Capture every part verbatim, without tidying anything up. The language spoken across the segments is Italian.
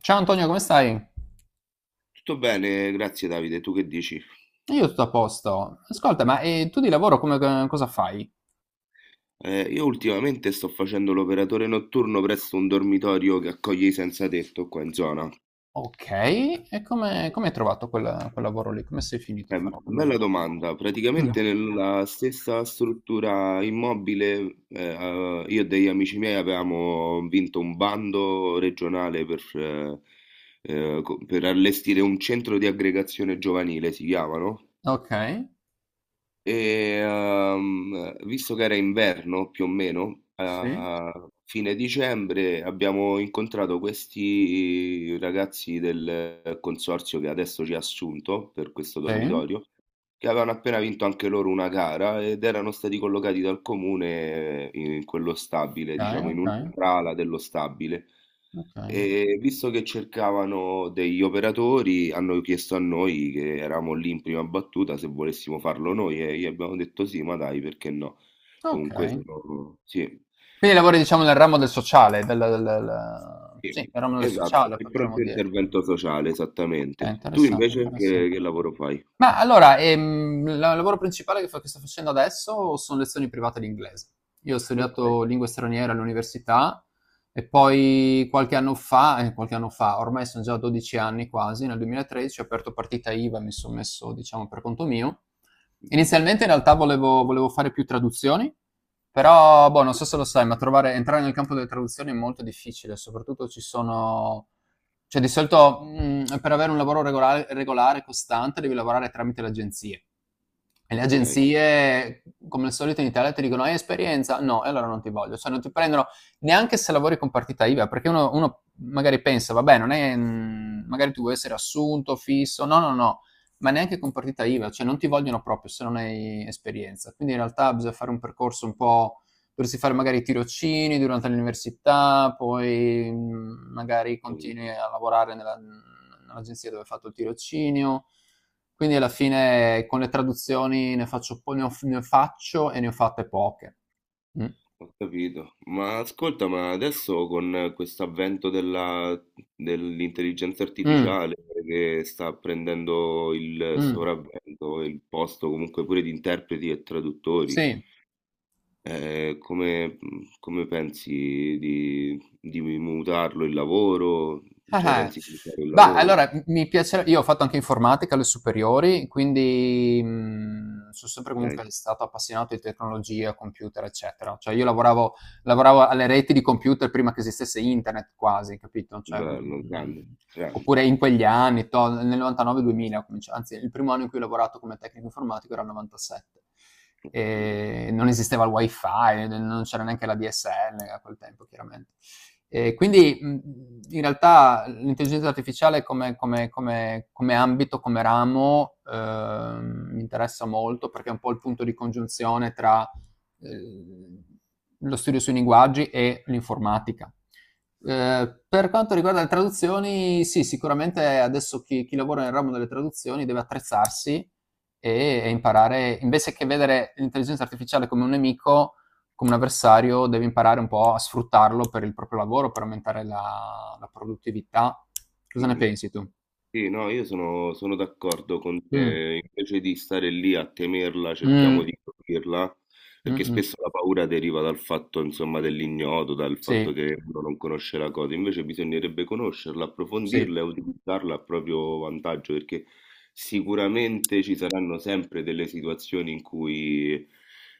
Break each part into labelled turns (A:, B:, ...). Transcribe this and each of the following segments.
A: Ciao Antonio, come stai?
B: Tutto bene, grazie Davide, tu che dici?
A: Io tutto a posto. Ascolta, ma eh, tu di lavoro come, eh, cosa fai?
B: Eh, io ultimamente sto facendo l'operatore notturno presso un dormitorio che accoglie i senza tetto qua in zona.
A: Ok, e come, come hai trovato quel, quel lavoro lì? Come sei finito a
B: Eh,
A: fare quel
B: bella
A: lavoro?
B: domanda,
A: Mm.
B: praticamente nella stessa struttura immobile eh, eh, io e degli amici miei avevamo vinto un bando regionale per, eh, eh, co- per allestire un centro di aggregazione giovanile, si chiama, no?
A: Ok,
B: E, ehm, visto che era inverno più o meno,
A: sì,
B: a fine dicembre abbiamo incontrato questi ragazzi del consorzio che adesso ci ha assunto per questo
A: sì,
B: dormitorio che avevano appena vinto anche loro una gara ed erano stati collocati dal comune in quello stabile,
A: ok,
B: diciamo in
A: ok,
B: un'altra ala dello stabile.
A: ok,
B: E visto che cercavano degli operatori, hanno chiesto a noi che eravamo lì in prima battuta se volessimo farlo noi e gli abbiamo detto sì, ma dai, perché no?
A: ok.
B: Comunque sono... Sì,
A: Quindi lavori diciamo nel ramo del sociale, del, del- del-
B: sì,
A: sì, nel ramo del
B: esatto,
A: sociale
B: il
A: potremmo
B: pronto
A: dire.
B: intervento sociale,
A: Ok,
B: esattamente. Tu
A: interessante,
B: invece
A: interessante.
B: che, che lavoro fai?
A: Ma allora, ehm, il lavoro principale che fa che sto facendo adesso sono lezioni private di inglese. Io ho
B: Ok,
A: studiato lingue straniere all'università e poi qualche anno fa, eh, qualche anno fa, ormai sono già dodici anni quasi, nel duemilatredici ho aperto partita IVA e mi sono messo, diciamo, per conto mio.
B: mhm,
A: Inizialmente in realtà volevo, volevo fare più traduzioni, però boh, non so se lo sai, ma trovare, entrare nel campo delle traduzioni è molto difficile, soprattutto ci sono cioè, di solito, mhmm, per avere un lavoro regolare regolare, costante, devi lavorare tramite le agenzie. E le
B: ok,
A: agenzie, come al solito in Italia, ti dicono: "Hai esperienza? No, e allora non ti voglio." Cioè, non ti prendono neanche se lavori con partita IVA, perché uno uno magari pensa: "Vabbè, non è mhmm, magari tu vuoi essere assunto, fisso." No, no, no, ma neanche con partita IVA, cioè non ti vogliono proprio se non hai esperienza. Quindi in realtà bisogna fare un percorso un po'. Dovresti fare magari tirocini durante l'università, poi mh, magari
B: ok.
A: continui a lavorare nella- nell'agenzia dove hai fatto il tirocinio. Quindi alla fine con le traduzioni ne faccio, po- ne ho- ne faccio e ne ho fatte poche. Mm.
B: Ho capito. Ma ascolta, ma adesso con questo avvento della- dell'intelligenza
A: Mm.
B: artificiale che sta prendendo il
A: Mm.
B: sopravvento, il posto comunque pure di interpreti e traduttori,
A: Sì.
B: eh, come, come pensi di, di mutarlo il lavoro? Cioè
A: Eh-eh.
B: pensi di mutare il
A: Bah,
B: lavoro?
A: allora, m mi piace io ho fatto anche informatica alle superiori, quindi, mhmm, son sempre comunque
B: Ok,
A: stato appassionato di tecnologia, computer, eccetera. Cioè io lavoravo lavoravo alle reti di computer prima che esistesse internet quasi, capito, cioè,
B: bello, grande,
A: mhmm,
B: grande.
A: oppure in quegli anni, to nel novantanove, duemila ho cominci anzi il primo anno in cui ho lavorato come tecnico informatico era il novantasette.
B: Capito.
A: Ehm, non esisteva il wifi, n non c'era neanche la D S L a quel tempo chiaramente. E
B: Mm,
A: quindi in realtà l'intelligenza artificiale come, come, come, come ambito, come ramo, eh, mi interessa molto perché è un po' il punto di congiunzione tra eh, lo studio sui linguaggi e l'informatica. Eh, per quanto riguarda le traduzioni, sì, sicuramente adesso chi, chi lavora nel ramo delle traduzioni deve attrezzarsi e, e imparare, invece che vedere l'intelligenza artificiale come un nemico, come un avversario, deve imparare un po' a sfruttarlo per il proprio lavoro, per aumentare la, la produttività. Cosa ne
B: mm, mm.
A: pensi tu?
B: Sì, no, io sono, sono d'accordo con
A: Mm,
B: te, invece di stare lì a temerla, cerchiamo
A: mm,
B: di capirla
A: mm,
B: perché
A: mm.
B: spesso la paura deriva dal fatto, insomma, dell'ignoto, dal fatto
A: Sì,
B: che uno non conosce la cosa, invece bisognerebbe conoscerla,
A: sì,
B: approfondirla e utilizzarla a proprio vantaggio, perché sicuramente ci saranno sempre delle situazioni in cui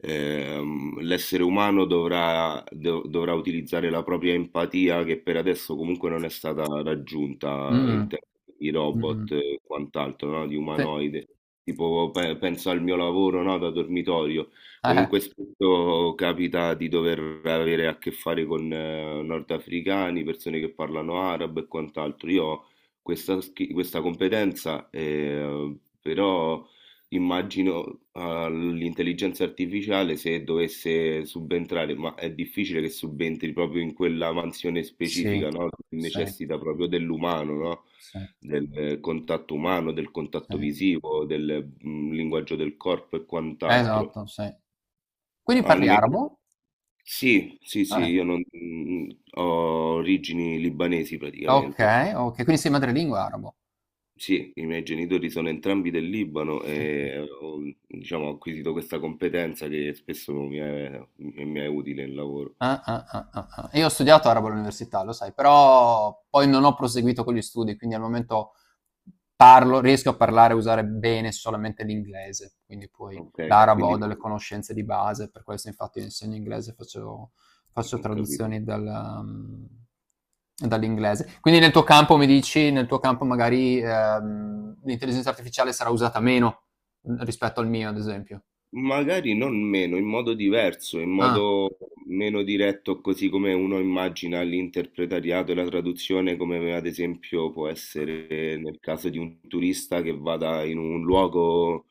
B: ehm, l'essere umano dovrà, dov- dovrà utilizzare la propria empatia, che per adesso comunque non è stata raggiunta in
A: mm,
B: termini di
A: mm, mm,
B: robot e quant'altro, no? Di
A: sì,
B: umanoide. Tipo, pe- penso al mio lavoro, no? Da dormitorio.
A: Eh,
B: Comunque spesso capita di dover avere a che fare con eh, nordafricani, persone che parlano arabo e quant'altro. Io ho questa, schi- questa competenza, eh, però immagino all'intelligenza artificiale se dovesse subentrare, ma è difficile che subentri proprio in quella mansione
A: sì,
B: specifica, no? Che
A: sì,
B: necessita proprio dell'umano, no?
A: sì,
B: Del eh, contatto umano, del
A: sì.
B: contatto visivo, del mm, linguaggio del corpo e quant'altro.
A: Esatto, sì. Quindi parli
B: Almeno
A: arabo?
B: sì, sì, sì,
A: Ah,
B: io non, mm, ho origini libanesi praticamente.
A: ok, ok, quindi sei madrelingua arabo.
B: Sì, i miei genitori sono entrambi del Libano
A: Ok.
B: e ho, diciamo, ho acquisito questa competenza che spesso mi è, mi è utile nel lavoro.
A: Ah, ah, ah, ah, ah. Io ho studiato arabo all'università, lo sai, però poi non ho proseguito con gli studi, quindi al momento parlo, riesco a parlare e usare bene solamente l'inglese, quindi poi
B: Ok,
A: l'arabo ho
B: quindi
A: delle conoscenze di base, per questo infatti io insegno inglese, faccio, faccio
B: ho capito.
A: traduzioni dal, um, dall'inglese. Quindi nel tuo campo mi dici, nel tuo campo magari ehm, l'intelligenza artificiale sarà usata meno rispetto al mio, ad esempio.
B: Magari non meno, in modo diverso, in
A: Ah,
B: modo meno diretto, così come uno immagina l'interpretariato e la traduzione, come ad esempio può essere nel caso di un turista che vada in un luogo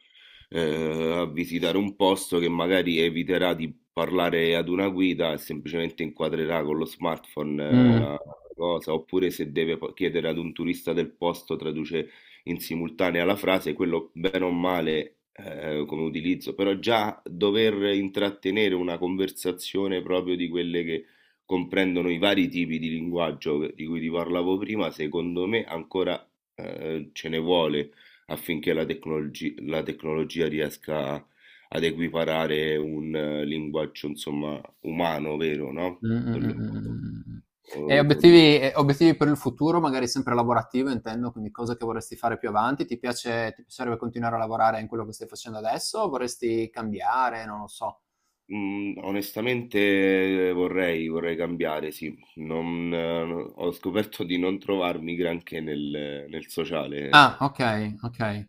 B: eh, a visitare un posto che magari eviterà di parlare ad una guida e semplicemente inquadrerà con lo smartphone eh,
A: mm.
B: la cosa, oppure se deve po- chiedere ad un turista del posto, traduce in simultanea alla frase, quello bene o male eh, come utilizzo, però già dover intrattenere una conversazione proprio di quelle che comprendono i vari tipi di linguaggio di cui ti parlavo prima, secondo me ancora eh, ce ne vuole affinché la tecnologi- la tecnologia riesca a- ad equiparare un eh, linguaggio, insomma, umano, vero, no?
A: Mh, mh, mh,
B: Quello
A: mh, mh, mh, mh. E
B: eh, con
A: obiettivi e obiettivi per il futuro, magari sempre lavorativo intendo, quindi cose che vorresti fare più avanti. Ti piace ti piacerebbe continuare a lavorare in quello che stai facendo adesso o vorresti cambiare? Non lo so.
B: Mhmm, onestamente eh, vorrei vorrei cambiare, sì. Non eh, no- Ho scoperto di non trovarmi granché nel nel sociale.
A: Ah, okay, okay,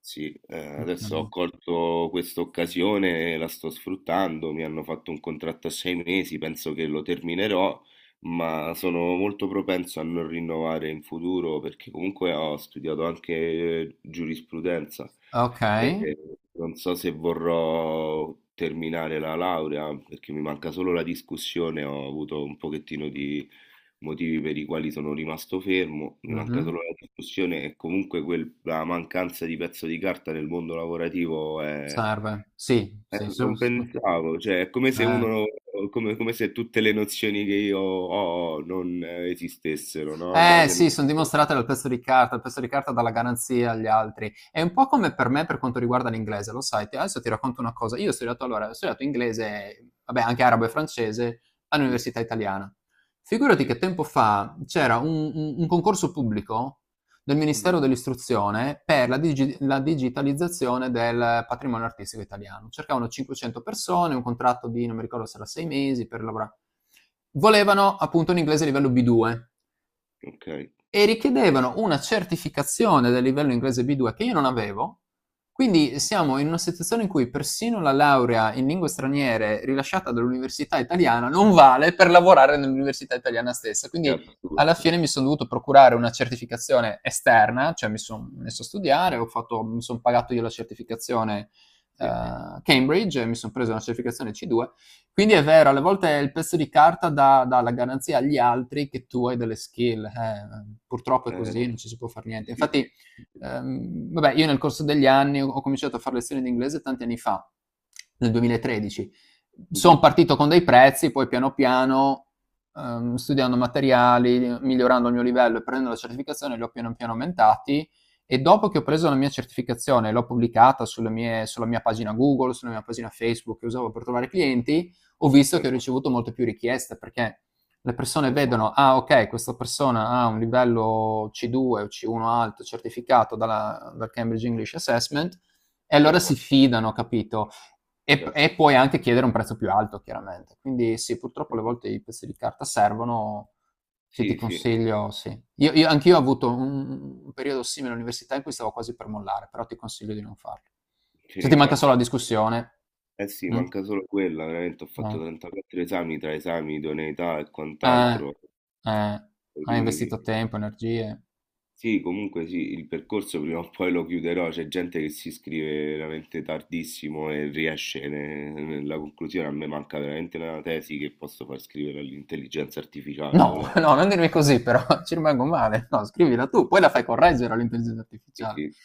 B: Sì, ehm, adesso
A: okay.
B: ho colto questa occasione e la sto sfruttando. Mi hanno fatto un contratto a sei mesi, penso che lo terminerò, ma sono molto propenso a non rinnovare in futuro perché comunque ho studiato anche eh, giurisprudenza. E
A: Okay.
B: e non so se vorrò terminare la laurea perché mi manca solo la discussione, ho avuto un pochettino di motivi per i quali sono rimasto fermo, mi manca
A: Mh-mh.
B: solo la discussione e comunque quel- la mancanza di pezzo di carta nel mondo lavorativo è...
A: Serve. Sì,
B: eh,
A: sì, su
B: Non
A: sp
B: pensavo, cioè è come se
A: eh.
B: uno, come, come se tutte le nozioni che io ho non eh, esistessero, no? Come
A: Eh
B: se...
A: sì, son dimostrate dal pezzo di carta, il pezzo di carta dà la garanzia agli altri. È un po' come per me per quanto riguarda l'inglese, lo sai? Ti Adesso ti racconto una cosa: io ho studiato allora, ho studiato inglese, vabbè anche arabo e francese, all'università italiana. Figurati che
B: Sì,
A: tempo fa c'era un un un concorso pubblico del
B: mhm,
A: Ministero dell'istruzione per la digi la digitalizzazione del patrimonio artistico italiano. Cercavano cinquecento persone, un contratto di non mi ricordo se era sei mesi per lavora. Volevano appunto un inglese livello B due
B: ok,
A: e richiedevano una certificazione del livello inglese B due che io non avevo. Quindi siamo in una situazione in cui persino la laurea in lingue straniere rilasciata dall'università italiana non vale per lavorare nell'università italiana stessa.
B: è
A: Quindi alla
B: assurdo,
A: fine mi sono dovuto procurare una certificazione esterna, cioè mi sono messo a studiare, ho fatto, mi sono pagato io la certificazione
B: sì.
A: eh, Cambridge e mi sono preso una certificazione C due. Quindi è vero, alle volte il pezzo di carta dà, dà la garanzia agli altri che tu hai delle skill. Eh, purtroppo è
B: Eh,
A: così, non
B: sì,
A: ci si può fare niente.
B: sì.
A: Infatti, ehm, vabbè, io nel corso degli anni ho ho cominciato a fare lezioni di inglese tanti anni fa, nel duemilatredici. Sono
B: Mh-mh,
A: partito con dei prezzi, poi piano piano, ehm, studiando materiali, migliorando il mio livello e prendendo la certificazione, li ho piano piano aumentati. E dopo che ho preso la mia certificazione e l'ho pubblicata sulle mie- sulla mia pagina Google, sulla mia pagina Facebook che usavo per trovare clienti, ho visto che ho
B: certo.
A: ricevuto molte più richieste perché le persone
B: Eh s
A: vedono, ah ok, questa persona ha un livello C due o C uno alto certificato dalla- dal Cambridge English Assessment e allora
B: Certo,
A: si fidano, capito? E,
B: certo.
A: e puoi anche chiedere un prezzo più alto, chiaramente. Quindi sì, purtroppo alle
B: Mh-mh.
A: volte i pezzi di carta servono, sì, ti
B: Sì, sì,
A: consiglio, sì. Io, io, anch'io ho avuto un, un, periodo simile all'università in cui stavo quasi per mollare, però ti consiglio di non farlo.
B: sì, ti
A: Se ti manca solo
B: ringrazio.
A: la discussione,
B: Eh sì,
A: mm?
B: manca solo quella, veramente ho fatto
A: No.
B: trentaquattro esami tra esami, idoneità e
A: Eh,
B: quant'altro.
A: eh, hai investito
B: Poi
A: tempo, energie.
B: sì, comunque sì, il percorso prima o poi lo chiuderò, c'è gente che si iscrive veramente tardissimo e riesce ne nella conclusione, a me manca veramente la tesi che posso far scrivere all'intelligenza artificiale
A: No,
B: volen
A: no, non dirmi così, però ci rimango male. No, scrivila tu, poi la fai correggere all'intelligenza
B: sì,
A: artificiale.
B: sì,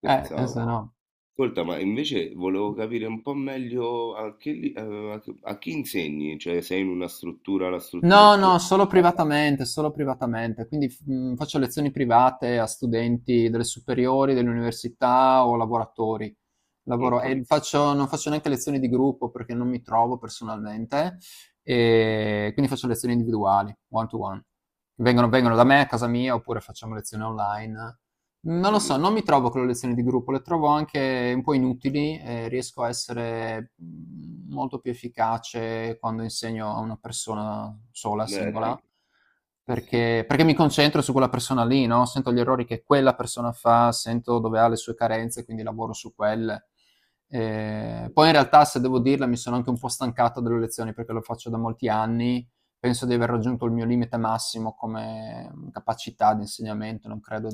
A: Eh, eh, se no.
B: Ascolta, ma invece volevo capire un po' meglio a che, li- eh, a che- a chi insegni, cioè sei in una struttura, la struttura è
A: No, no,
B: tua,
A: solo
B: eh,
A: privatamente, solo privatamente. Quindi f- mh, faccio lezioni private a studenti delle superiori, delle università o lavoratori.
B: non ho
A: Lavoro, e
B: capito,
A: faccio- non faccio neanche lezioni di gruppo perché non mi trovo personalmente, e quindi faccio lezioni individuali, one to one. Vengono,
B: ho,
A: vengono da me a casa mia oppure facciamo lezioni online.
B: ho
A: Non lo so,
B: capito.
A: non mi trovo con le lezioni di gruppo, le trovo anche un po' inutili, eh, riesco a essere mh, molto più efficace quando insegno a una persona sola,
B: Beh,
A: singola,
B: sì, sì, sì,
A: perché, perché mi concentro su quella persona lì, no? Sento gli errori che quella persona fa, sento dove ha le sue carenze, quindi lavoro su quelle. Eh, poi in
B: ho
A: realtà, se devo dirla, mi sono anche un po' stancato delle lezioni perché lo faccio da molti anni. Penso di aver raggiunto il mio limite massimo come capacità di insegnamento, non credo...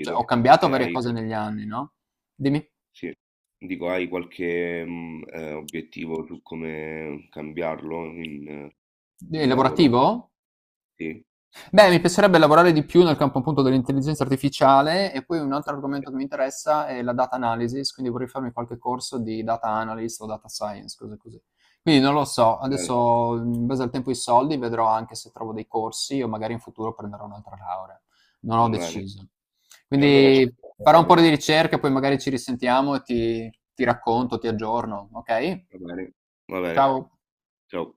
A: Cioè, ho cambiato
B: E
A: varie
B: hai,
A: cose negli anni, no? Dimmi.
B: sì. Dico, hai qualche mm, eh, obiettivo su come cambiarlo in, eh,
A: È
B: il lavoro?
A: lavorativo?
B: Sì.
A: Beh, mi piacerebbe lavorare di più nel campo appunto dell'intelligenza artificiale e poi un altro
B: Ok,
A: argomento che mi interessa è la data analysis, quindi vorrei farmi qualche corso di data analyst o data science, cose così. Quindi non lo so,
B: bene,
A: adesso in base al tempo e ai soldi vedrò anche se trovo dei corsi o magari in futuro prenderò un'altra laurea. Non ho
B: bene.
A: deciso.
B: Allora ci
A: Quindi farò un po'
B: aggiorneremo.
A: di ricerca, poi magari ci risentiamo e ti, ti racconto, ti aggiorno, ok?
B: Va bene, va bene,
A: Ciao.
B: ciao.